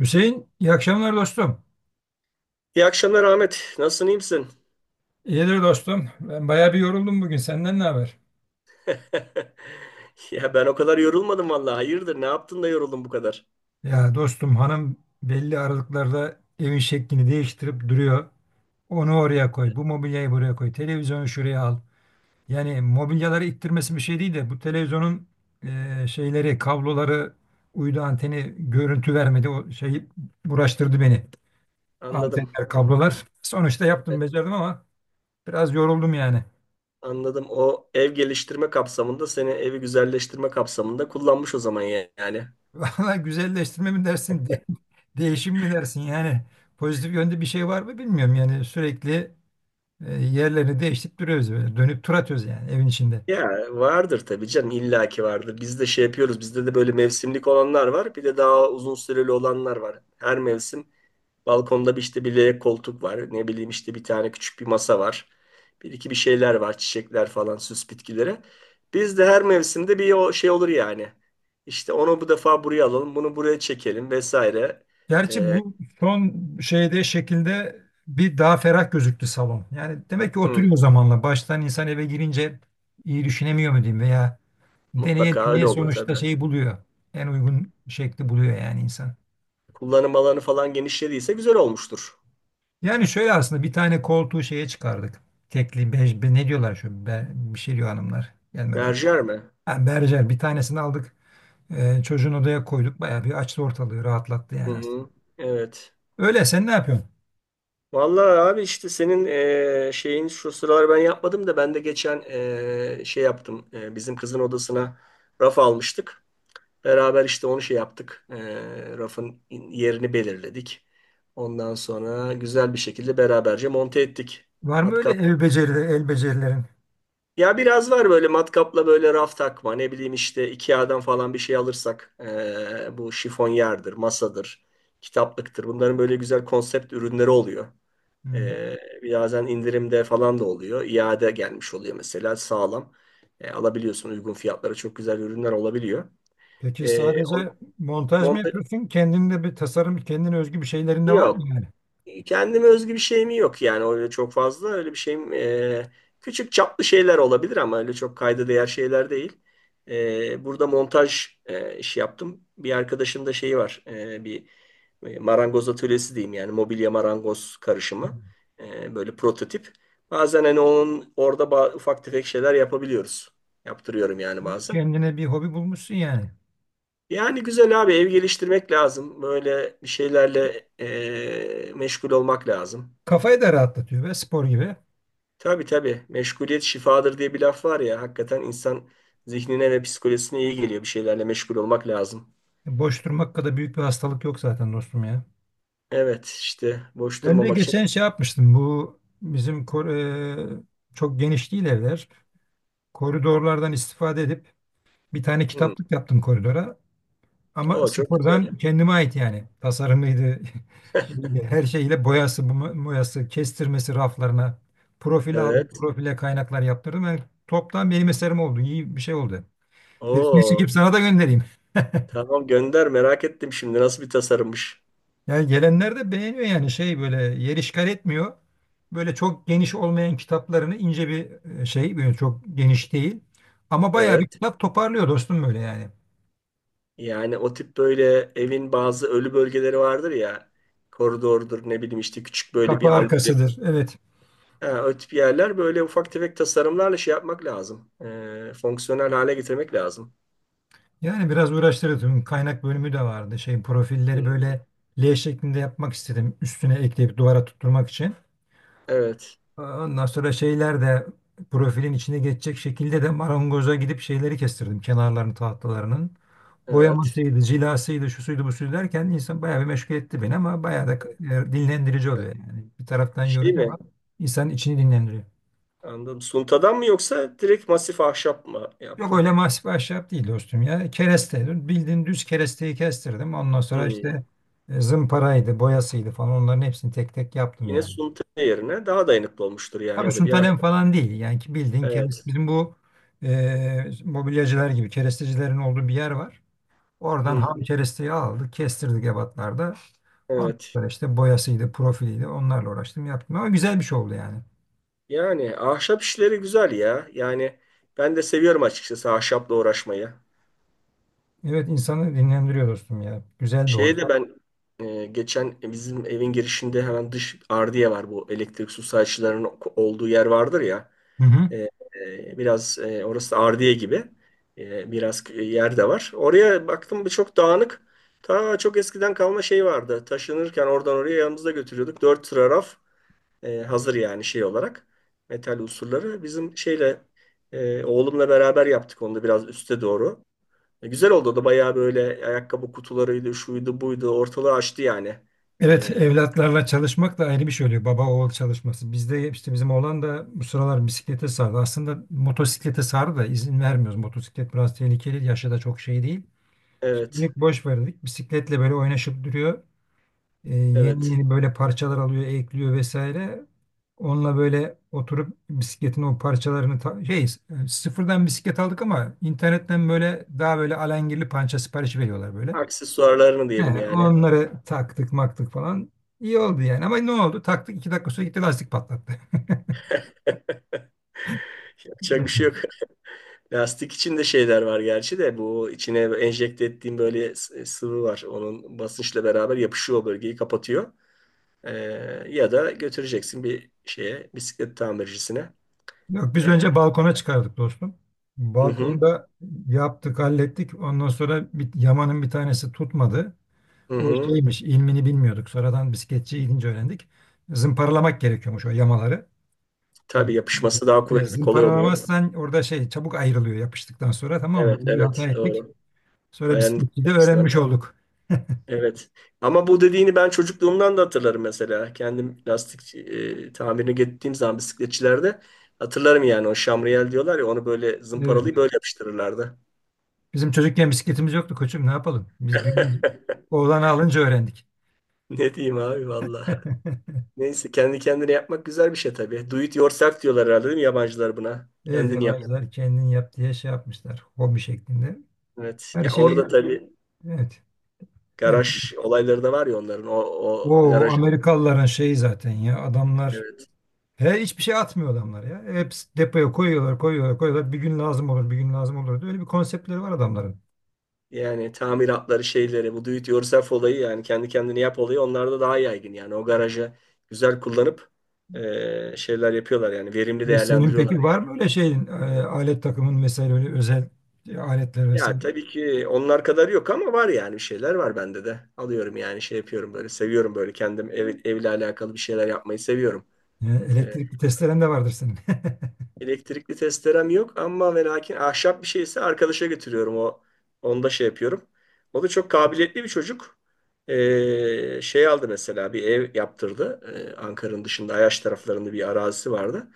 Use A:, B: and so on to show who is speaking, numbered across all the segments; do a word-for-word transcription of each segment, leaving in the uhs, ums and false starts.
A: Hüseyin, iyi akşamlar dostum.
B: İyi akşamlar Ahmet. Nasılsın, iyi misin?
A: İyidir dostum. Ben bayağı bir yoruldum bugün. Senden ne haber?
B: Ya ben o kadar yorulmadım vallahi. Hayırdır, ne yaptın da yoruldun bu kadar?
A: Ya dostum, hanım belli aralıklarda evin şeklini değiştirip duruyor. Onu oraya koy, bu mobilyayı buraya koy, televizyonu şuraya al. Yani mobilyaları ittirmesi bir şey değil de bu televizyonun e, şeyleri, kabloları, uydu anteni görüntü vermedi. O şeyi uğraştırdı beni.
B: Anladım.
A: Antenler, kablolar. Sonuçta yaptım, becerdim ama biraz yoruldum yani.
B: Anladım. O ev geliştirme kapsamında seni evi güzelleştirme kapsamında kullanmış o zaman ya- yani.
A: Valla güzelleştirme mi dersin, de- değişim mi dersin? Yani pozitif yönde bir şey var mı bilmiyorum. Yani sürekli e, yerlerini değiştirip duruyoruz böyle. Dönüp tur atıyoruz yani evin içinde.
B: Ya vardır tabii canım illaki vardır. Biz de şey yapıyoruz. Bizde de böyle mevsimlik olanlar var. Bir de daha uzun süreli olanlar var. Her mevsim balkonda bir işte bir L koltuk var. Ne bileyim işte bir tane küçük bir masa var. Bir iki bir şeyler var. Çiçekler falan, süs bitkileri. Biz de her mevsimde bir o şey olur yani. İşte onu bu defa buraya alalım. Bunu buraya çekelim vesaire.
A: Gerçi bu son şeyde şekilde bir daha ferah gözüktü salon. Yani demek ki
B: Hı,
A: oturuyor zamanla. Baştan insan eve girince iyi düşünemiyor mu diyeyim veya deneye
B: mutlaka öyle
A: deneye
B: oluyor tabii.
A: sonuçta şeyi buluyor. En uygun şekli buluyor yani insan.
B: Kullanım alanı falan genişlediyse güzel olmuştur.
A: Yani şöyle aslında bir tane koltuğu şeye çıkardık. Tekli, bej, be- ne diyorlar şu be, bir şey diyor hanımlar. Gelmedi aklıma.
B: Berjer mi?
A: Ha, berjer bir tanesini aldık. Ee, çocuğun odaya koyduk. Bayağı bir açtı, ortalığı rahatlattı
B: Hı
A: yani aslında.
B: hı. Evet.
A: Öyle, sen ne yapıyorsun?
B: Vallahi abi işte senin eee, şeyin şu sıralar ben yapmadım da ben de geçen eee, şey yaptım. Eee, bizim kızın odasına raf almıştık. Beraber işte onu şey yaptık. Ee, rafın yerini belirledik. Ondan sonra güzel bir şekilde beraberce monte ettik.
A: Var mı öyle
B: Matkap.
A: ev becerileri, el becerilerin?
B: Ya biraz var, böyle matkapla böyle raf takma. Ne bileyim işte İKEA'dan falan bir şey alırsak, ee, bu şifonyerdir, masadır, kitaplıktır. Bunların böyle güzel konsept ürünleri oluyor.
A: Hmm.
B: Ee, birazdan indirimde falan da oluyor. İade gelmiş oluyor mesela, sağlam. Ee, alabiliyorsun, uygun fiyatlara çok güzel ürünler olabiliyor.
A: Peki
B: Ee,
A: sadece
B: on,
A: montaj mı
B: monte-
A: yapıyorsun? Kendinde bir tasarım, kendine özgü bir şeylerin de var mı
B: Yok.
A: yani?
B: Kendime özgü bir şeyim yok yani, öyle çok fazla öyle bir şeyim e, küçük çaplı şeyler olabilir ama öyle çok kayda değer şeyler değil. E, burada montaj e, işi yaptım. Bir arkadaşın da şeyi var, e, bir e, marangoz atölyesi diyeyim, yani mobilya marangoz karışımı. E, böyle prototip. Bazen hani onun orada ba- ufak tefek şeyler yapabiliyoruz. Yaptırıyorum yani
A: Hmm.
B: bazen.
A: Kendine bir hobi bulmuşsun yani.
B: Yani güzel abi, ev geliştirmek lazım. Böyle bir şeylerle e, meşgul olmak lazım.
A: Kafayı da rahatlatıyor be, spor gibi.
B: Tabii tabii. Meşguliyet şifadır diye bir laf var ya. Hakikaten insan zihnine ve psikolojisine iyi geliyor. Bir şeylerle meşgul olmak lazım.
A: Boş durmak kadar büyük bir hastalık yok zaten dostum ya.
B: Evet, işte boş
A: Ben de
B: durmamak için.
A: geçen şey yapmıştım. Bu bizim kor- e, çok geniş değil evler. Koridorlardan istifade edip bir tane
B: Hmm.
A: kitaplık yaptım koridora. Ama
B: Oo, çok güzel.
A: sıfırdan kendime ait yani. Tasarımıydı. Şeyiyle, her şeyiyle, boyası, bu- boyası, kestirmesi, raflarına. Profil aldım,
B: Evet.
A: profile kaynaklar yaptırdım. Yani toptan benim eserim oldu. İyi bir şey oldu. Resmi
B: Oo,
A: çekip sana da göndereyim.
B: tamam, gönder, merak ettim şimdi nasıl bir tasarımmış.
A: Yani gelenler de beğeniyor yani şey, böyle yer işgal etmiyor. Böyle çok geniş olmayan kitaplarını, ince bir e, şey, böyle çok geniş değil. Ama bayağı bir
B: Evet.
A: kitap toparlıyor dostum böyle yani.
B: Yani o tip böyle evin bazı ölü bölgeleri vardır ya. Koridordur, ne bileyim işte küçük böyle
A: Kapı
B: bir antre.
A: arkasıdır. Evet.
B: Ha, o tip yerler böyle ufak tefek tasarımlarla şey yapmak lazım. Ee, fonksiyonel hale getirmek lazım.
A: Yani biraz uğraştırdı. Tüm kaynak bölümü de vardı. Şey profilleri böyle L şeklinde yapmak istedim. Üstüne ekleyip duvara tutturmak için.
B: Evet.
A: Ondan sonra şeyler de profilin içine geçecek şekilde de marangoza gidip şeyleri kestirdim, kenarlarını tahtalarının.
B: Evet.
A: Boyamasıydı, cilasıydı, şu suydu bu suydu derken insan bayağı bir meşgul etti beni ama bayağı da e, dinlendirici oluyor yani. Bir taraftan
B: Şey
A: yorucu ama
B: mi?
A: insanın içini dinlendiriyor.
B: Anladım. Suntadan mı yoksa direkt masif ahşap mı
A: Yok,
B: yaptın?
A: öyle masif ahşap değil dostum ya. Kereste, bildiğin düz keresteyi kestirdim. Ondan sonra
B: Hmm.
A: işte e, zımparaydı, boyasıydı falan, onların hepsini tek tek yaptım
B: Yine
A: yani.
B: sunta yerine daha dayanıklı olmuştur yani,
A: Tabii
B: o da bir
A: sunt alem
B: ahşap.
A: falan değil. Yani ki bildiğin kereste,
B: Evet.
A: bizim bu e, mobilyacılar gibi kerestecilerin olduğu bir yer var. Oradan
B: Hı.
A: ham keresteyi aldık, kestirdik ebatlarda. Ondan
B: Evet.
A: sonra işte boyasıydı, profiliydi. Onlarla uğraştım, yaptım. Ama güzel bir şey oldu yani.
B: Yani ahşap işleri güzel ya. Yani ben de seviyorum açıkçası ahşapla uğraşmayı.
A: Evet, insanı dinlendiriyor dostum ya. Güzel bir hobi.
B: Şeye de ben e, geçen bizim evin girişinde hemen dış ardiye var, bu elektrik su sayaçlarının olduğu yer vardır ya.
A: Hı
B: E,
A: hı.
B: e, Biraz e, orası da ardiye gibi, e, biraz k- yer de var. Oraya baktım, bir çok dağınık. Ta çok eskiden kalma şey vardı. Taşınırken oradan oraya yanımızda götürüyorduk. Dört sıra raf e, hazır yani şey olarak. Metal unsurları. Bizim şeyle, e, oğlumla beraber yaptık onu da biraz üste doğru. E, güzel oldu o da, bayağı böyle ayakkabı kutularıydı, şuydu buydu. Ortalığı açtı yani.
A: Evet,
B: E,
A: evlatlarla çalışmak da ayrı bir şey oluyor. Baba oğul çalışması. Bizde işte bizim oğlan da bu sıralar bisiklete sardı. Aslında motosiklete sardı da izin vermiyoruz. Motosiklet biraz tehlikeli, yaşı da çok şey değil.
B: evet,
A: Şimdilik boş verdik. Bisikletle böyle oynaşıp duruyor. Ee, yeni
B: evet.
A: yeni böyle parçalar alıyor, ekliyor vesaire. Onunla böyle oturup bisikletin o parçalarını ta- şey e, sıfırdan bisiklet aldık ama internetten böyle, daha böyle alengirli pança sipariş veriyorlar böyle.
B: Aksesuarlarını
A: He,
B: diyelim yani.
A: onları taktık maktık falan. İyi oldu yani ama ne oldu? Taktık, iki dakika sonra gitti lastik patlattı.
B: Yapacak bir şey yok. Lastik içinde şeyler var gerçi, de bu içine enjekte ettiğim böyle s- e, sıvı var. Onun basınçla beraber yapışıyor, o bölgeyi kapatıyor. Ee, Ya da götüreceksin bir şeye, bisiklet tamircisine.
A: Yok, biz
B: Ee,
A: önce balkona çıkardık dostum.
B: hı hı,
A: Balkonda yaptık, hallettik. Ondan sonra bir, yamanın bir tanesi tutmadı.
B: hı
A: O
B: hı.
A: şeymiş, ilmini bilmiyorduk. Sonradan bisikletçiye gidince öğrendik. Zımparalamak gerekiyormuş o yamaları.
B: Tabii, yapışması daha
A: E,
B: kuvvetli, kolay oluyor.
A: Zımparalamazsan orada şey çabuk ayrılıyor yapıştıktan sonra, tamam mı?
B: Evet,
A: Böyle bir hata
B: evet,
A: ettik.
B: doğru.
A: Sonra
B: Dayanıklı
A: bisikleti de
B: açısından.
A: öğrenmiş olduk.
B: Evet. Ama bu dediğini ben çocukluğumdan da hatırlarım mesela. Kendim lastik e, tamirine gittiğim zaman bisikletçilerde hatırlarım yani, o şamriyel diyorlar ya, onu böyle
A: Evet,
B: zımparalayıp
A: evet.
B: böyle yapıştırırlardı.
A: Bizim çocukken bisikletimiz yoktu koçum, ne yapalım? Biz büyüyünce, oğlanı alınca öğrendik.
B: Ne diyeyim abi valla. Neyse, kendi kendine yapmak güzel bir şey tabii. Do it yourself diyorlar herhalde değil mi yabancılar buna?
A: Evet,
B: Kendini yap.
A: yabancılar kendin yap diye şey yapmışlar, hobi şeklinde.
B: Evet.
A: Her
B: Ya orada
A: şey,
B: tabii
A: evet. Her, şey,
B: garaj olayları da var ya onların. O, o
A: O
B: garaj.
A: Amerikalıların şeyi zaten ya, adamlar,
B: Evet.
A: he, hiçbir şey atmıyor adamlar ya. Hep depoya koyuyorlar, koyuyorlar, koyuyorlar. Bir gün lazım olur, bir gün lazım olur diye. Öyle bir konseptleri var adamların.
B: Yani tamiratları, şeyleri, bu do it yourself olayı yani kendi kendine yap olayı onlarda daha yaygın. Yani o garajı güzel kullanıp eee, şeyler yapıyorlar, yani verimli
A: Ve senin
B: değerlendiriyorlar.
A: peki var mı öyle şeyin, e, alet takımın vesaire, öyle özel e, aletler
B: Ya
A: vesaire?
B: tabii ki onlar kadar yok ama var yani, bir şeyler var bende de. Alıyorum yani, şey yapıyorum, böyle seviyorum, böyle kendim ev, evle alakalı bir şeyler yapmayı seviyorum.
A: E,
B: Ee,
A: elektrikli testeren de vardır senin.
B: Elektrikli testerem yok ama ve lakin ahşap bir şeyse arkadaşa götürüyorum, o onda şey yapıyorum. O da çok kabiliyetli bir çocuk. Ee, şey aldı mesela, bir ev yaptırdı. Ee, Ankara'nın dışında Ayaş taraflarında bir arazisi vardı.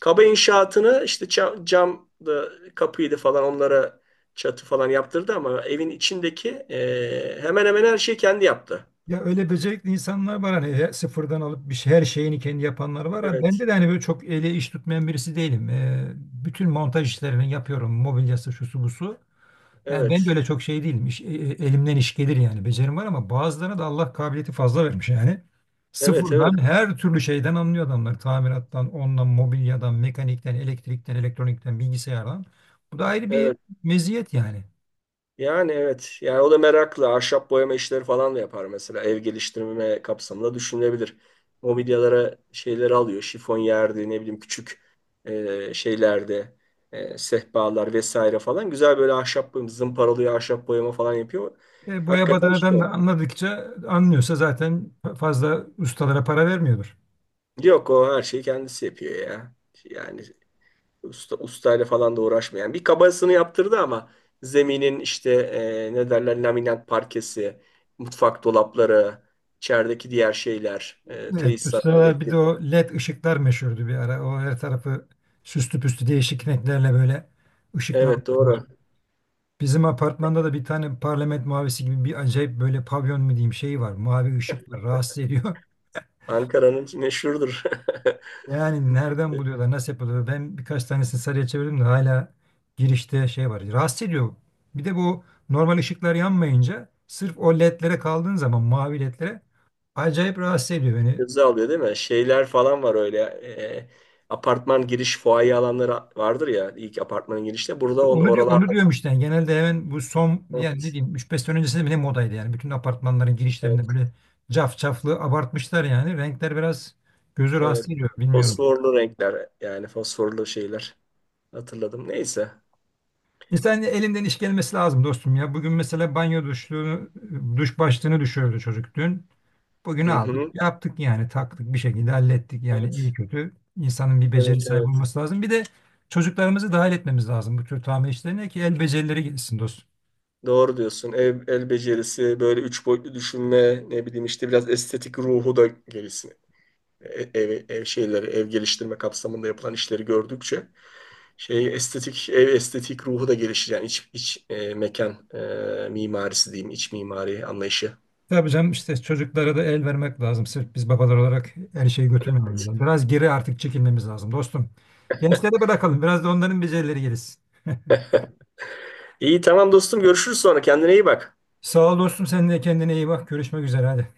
B: Kaba inşaatını, işte cam, cam da kapıydı falan, onlara çatı falan yaptırdı ama evin içindeki e, hemen hemen her şeyi kendi yaptı.
A: Ya öyle becerikli insanlar var hani, he- sıfırdan alıp bir şey, her şeyini kendi yapanlar var. Ha,
B: Evet,
A: bende de hani böyle çok eli iş tutmayan birisi değilim. E, bütün montaj işlerini yapıyorum. Mobilyası, şusu, busu. Yani ben de
B: evet,
A: öyle çok şey değilim. İş- e- e- elimden iş gelir yani. Becerim var ama bazılarına da Allah kabiliyeti fazla vermiş yani.
B: evet, evet,
A: Sıfırdan her türlü şeyden anlıyor adamlar. Tamirattan, ondan, mobilyadan, mekanikten, elektrikten, elektronikten, bilgisayardan. Bu da ayrı bir
B: evet.
A: meziyet yani.
B: Yani evet, yani o da meraklı. Ahşap boyama işleri falan da yapar mesela. Ev geliştirme kapsamında düşünülebilir. Mobilyalara şeyleri alıyor. Şifonyerdi, ne bileyim küçük e, şeylerde, e, sehpalar vesaire falan. Güzel böyle ahşap boyama, zımparalıyor, ahşap boyama falan yapıyor.
A: E, boya
B: Hakikaten
A: badanadan
B: şey.
A: da anladıkça anlıyorsa zaten fazla ustalara para vermiyordur.
B: Yok, o her şeyi kendisi yapıyor ya. Yani usta, ustayla falan da uğraşmayan. Bir kabasını yaptırdı ama zeminin işte e, ne derler, laminat parkesi, mutfak dolapları, içerideki diğer şeyler, e,
A: Evet, bu
B: tesisat,
A: sıralar bir de
B: elektrik.
A: o LED ışıklar meşhurdu bir ara. O her tarafı süslü püslü, değişik renklerle böyle
B: Evet
A: ışıklandırdılar.
B: doğru.
A: Bizim apartmanda da bir tane parlament mavisi gibi bir acayip, böyle pavyon mu diyeyim, şey var. Mavi ışık var. Rahatsız ediyor.
B: Ankara'nın meşhurdur.
A: Yani nereden buluyorlar? Nasıl yapıyorlar? Ben birkaç tanesini sarıya çevirdim de hala girişte şey var. Rahatsız ediyor. Bir de bu normal ışıklar yanmayınca sırf o ledlere kaldığın zaman, mavi ledlere, acayip rahatsız ediyor beni.
B: Göze alıyor değil mi? Şeyler falan var öyle. E, apartman giriş fuaye alanları vardır ya, ilk apartmanın girişte. Burada on,
A: Onu diyor,
B: oralarda
A: onu diyorum işte, yani genelde hemen bu son, yani ne
B: evet.
A: diyeyim, üç beş sene öncesinde bile modaydı yani. Bütün apartmanların girişlerinde
B: Evet.
A: böyle caf caflı abartmışlar yani. Renkler biraz gözü
B: Evet.
A: rahatsız ediyor, bilmiyorum.
B: Fosforlu renkler, yani fosforlu şeyler hatırladım. Neyse.
A: İnsanın elinden iş gelmesi lazım dostum ya. Bugün mesela banyo duşluğunu, duş başlığını düşürdü çocuk dün. Bugün
B: Hı
A: aldık,
B: hı.
A: yaptık yani, taktık bir şekilde, hallettik yani iyi
B: Evet.
A: kötü. İnsanın bir beceri
B: Evet
A: sahibi
B: evet.
A: olması lazım. Bir de çocuklarımızı dahil etmemiz lazım bu tür tamir işlerine ki el becerileri gelişsin dostum.
B: Doğru diyorsun. El, el becerisi, böyle üç boyutlu düşünme, ne bileyim işte biraz estetik ruhu da gelişsin. E- Ev, ev şeyleri, ev geliştirme kapsamında yapılan işleri gördükçe şey estetik, ev estetik ruhu da gelişir yani iç, iç e, mekan e, mimarisi diyeyim, iç mimari anlayışı.
A: Tabii canım, işte çocuklara da el vermek lazım. Sırf biz babalar olarak her şeyi götürmememiz lazım. Biraz geri artık çekilmemiz lazım dostum. Gençlere bırakalım. Biraz da onların becerileri gelişsin.
B: İyi, tamam dostum, görüşürüz sonra, kendine iyi bak.
A: Sağ ol dostum. Sen de kendine iyi bak. Görüşmek üzere hadi.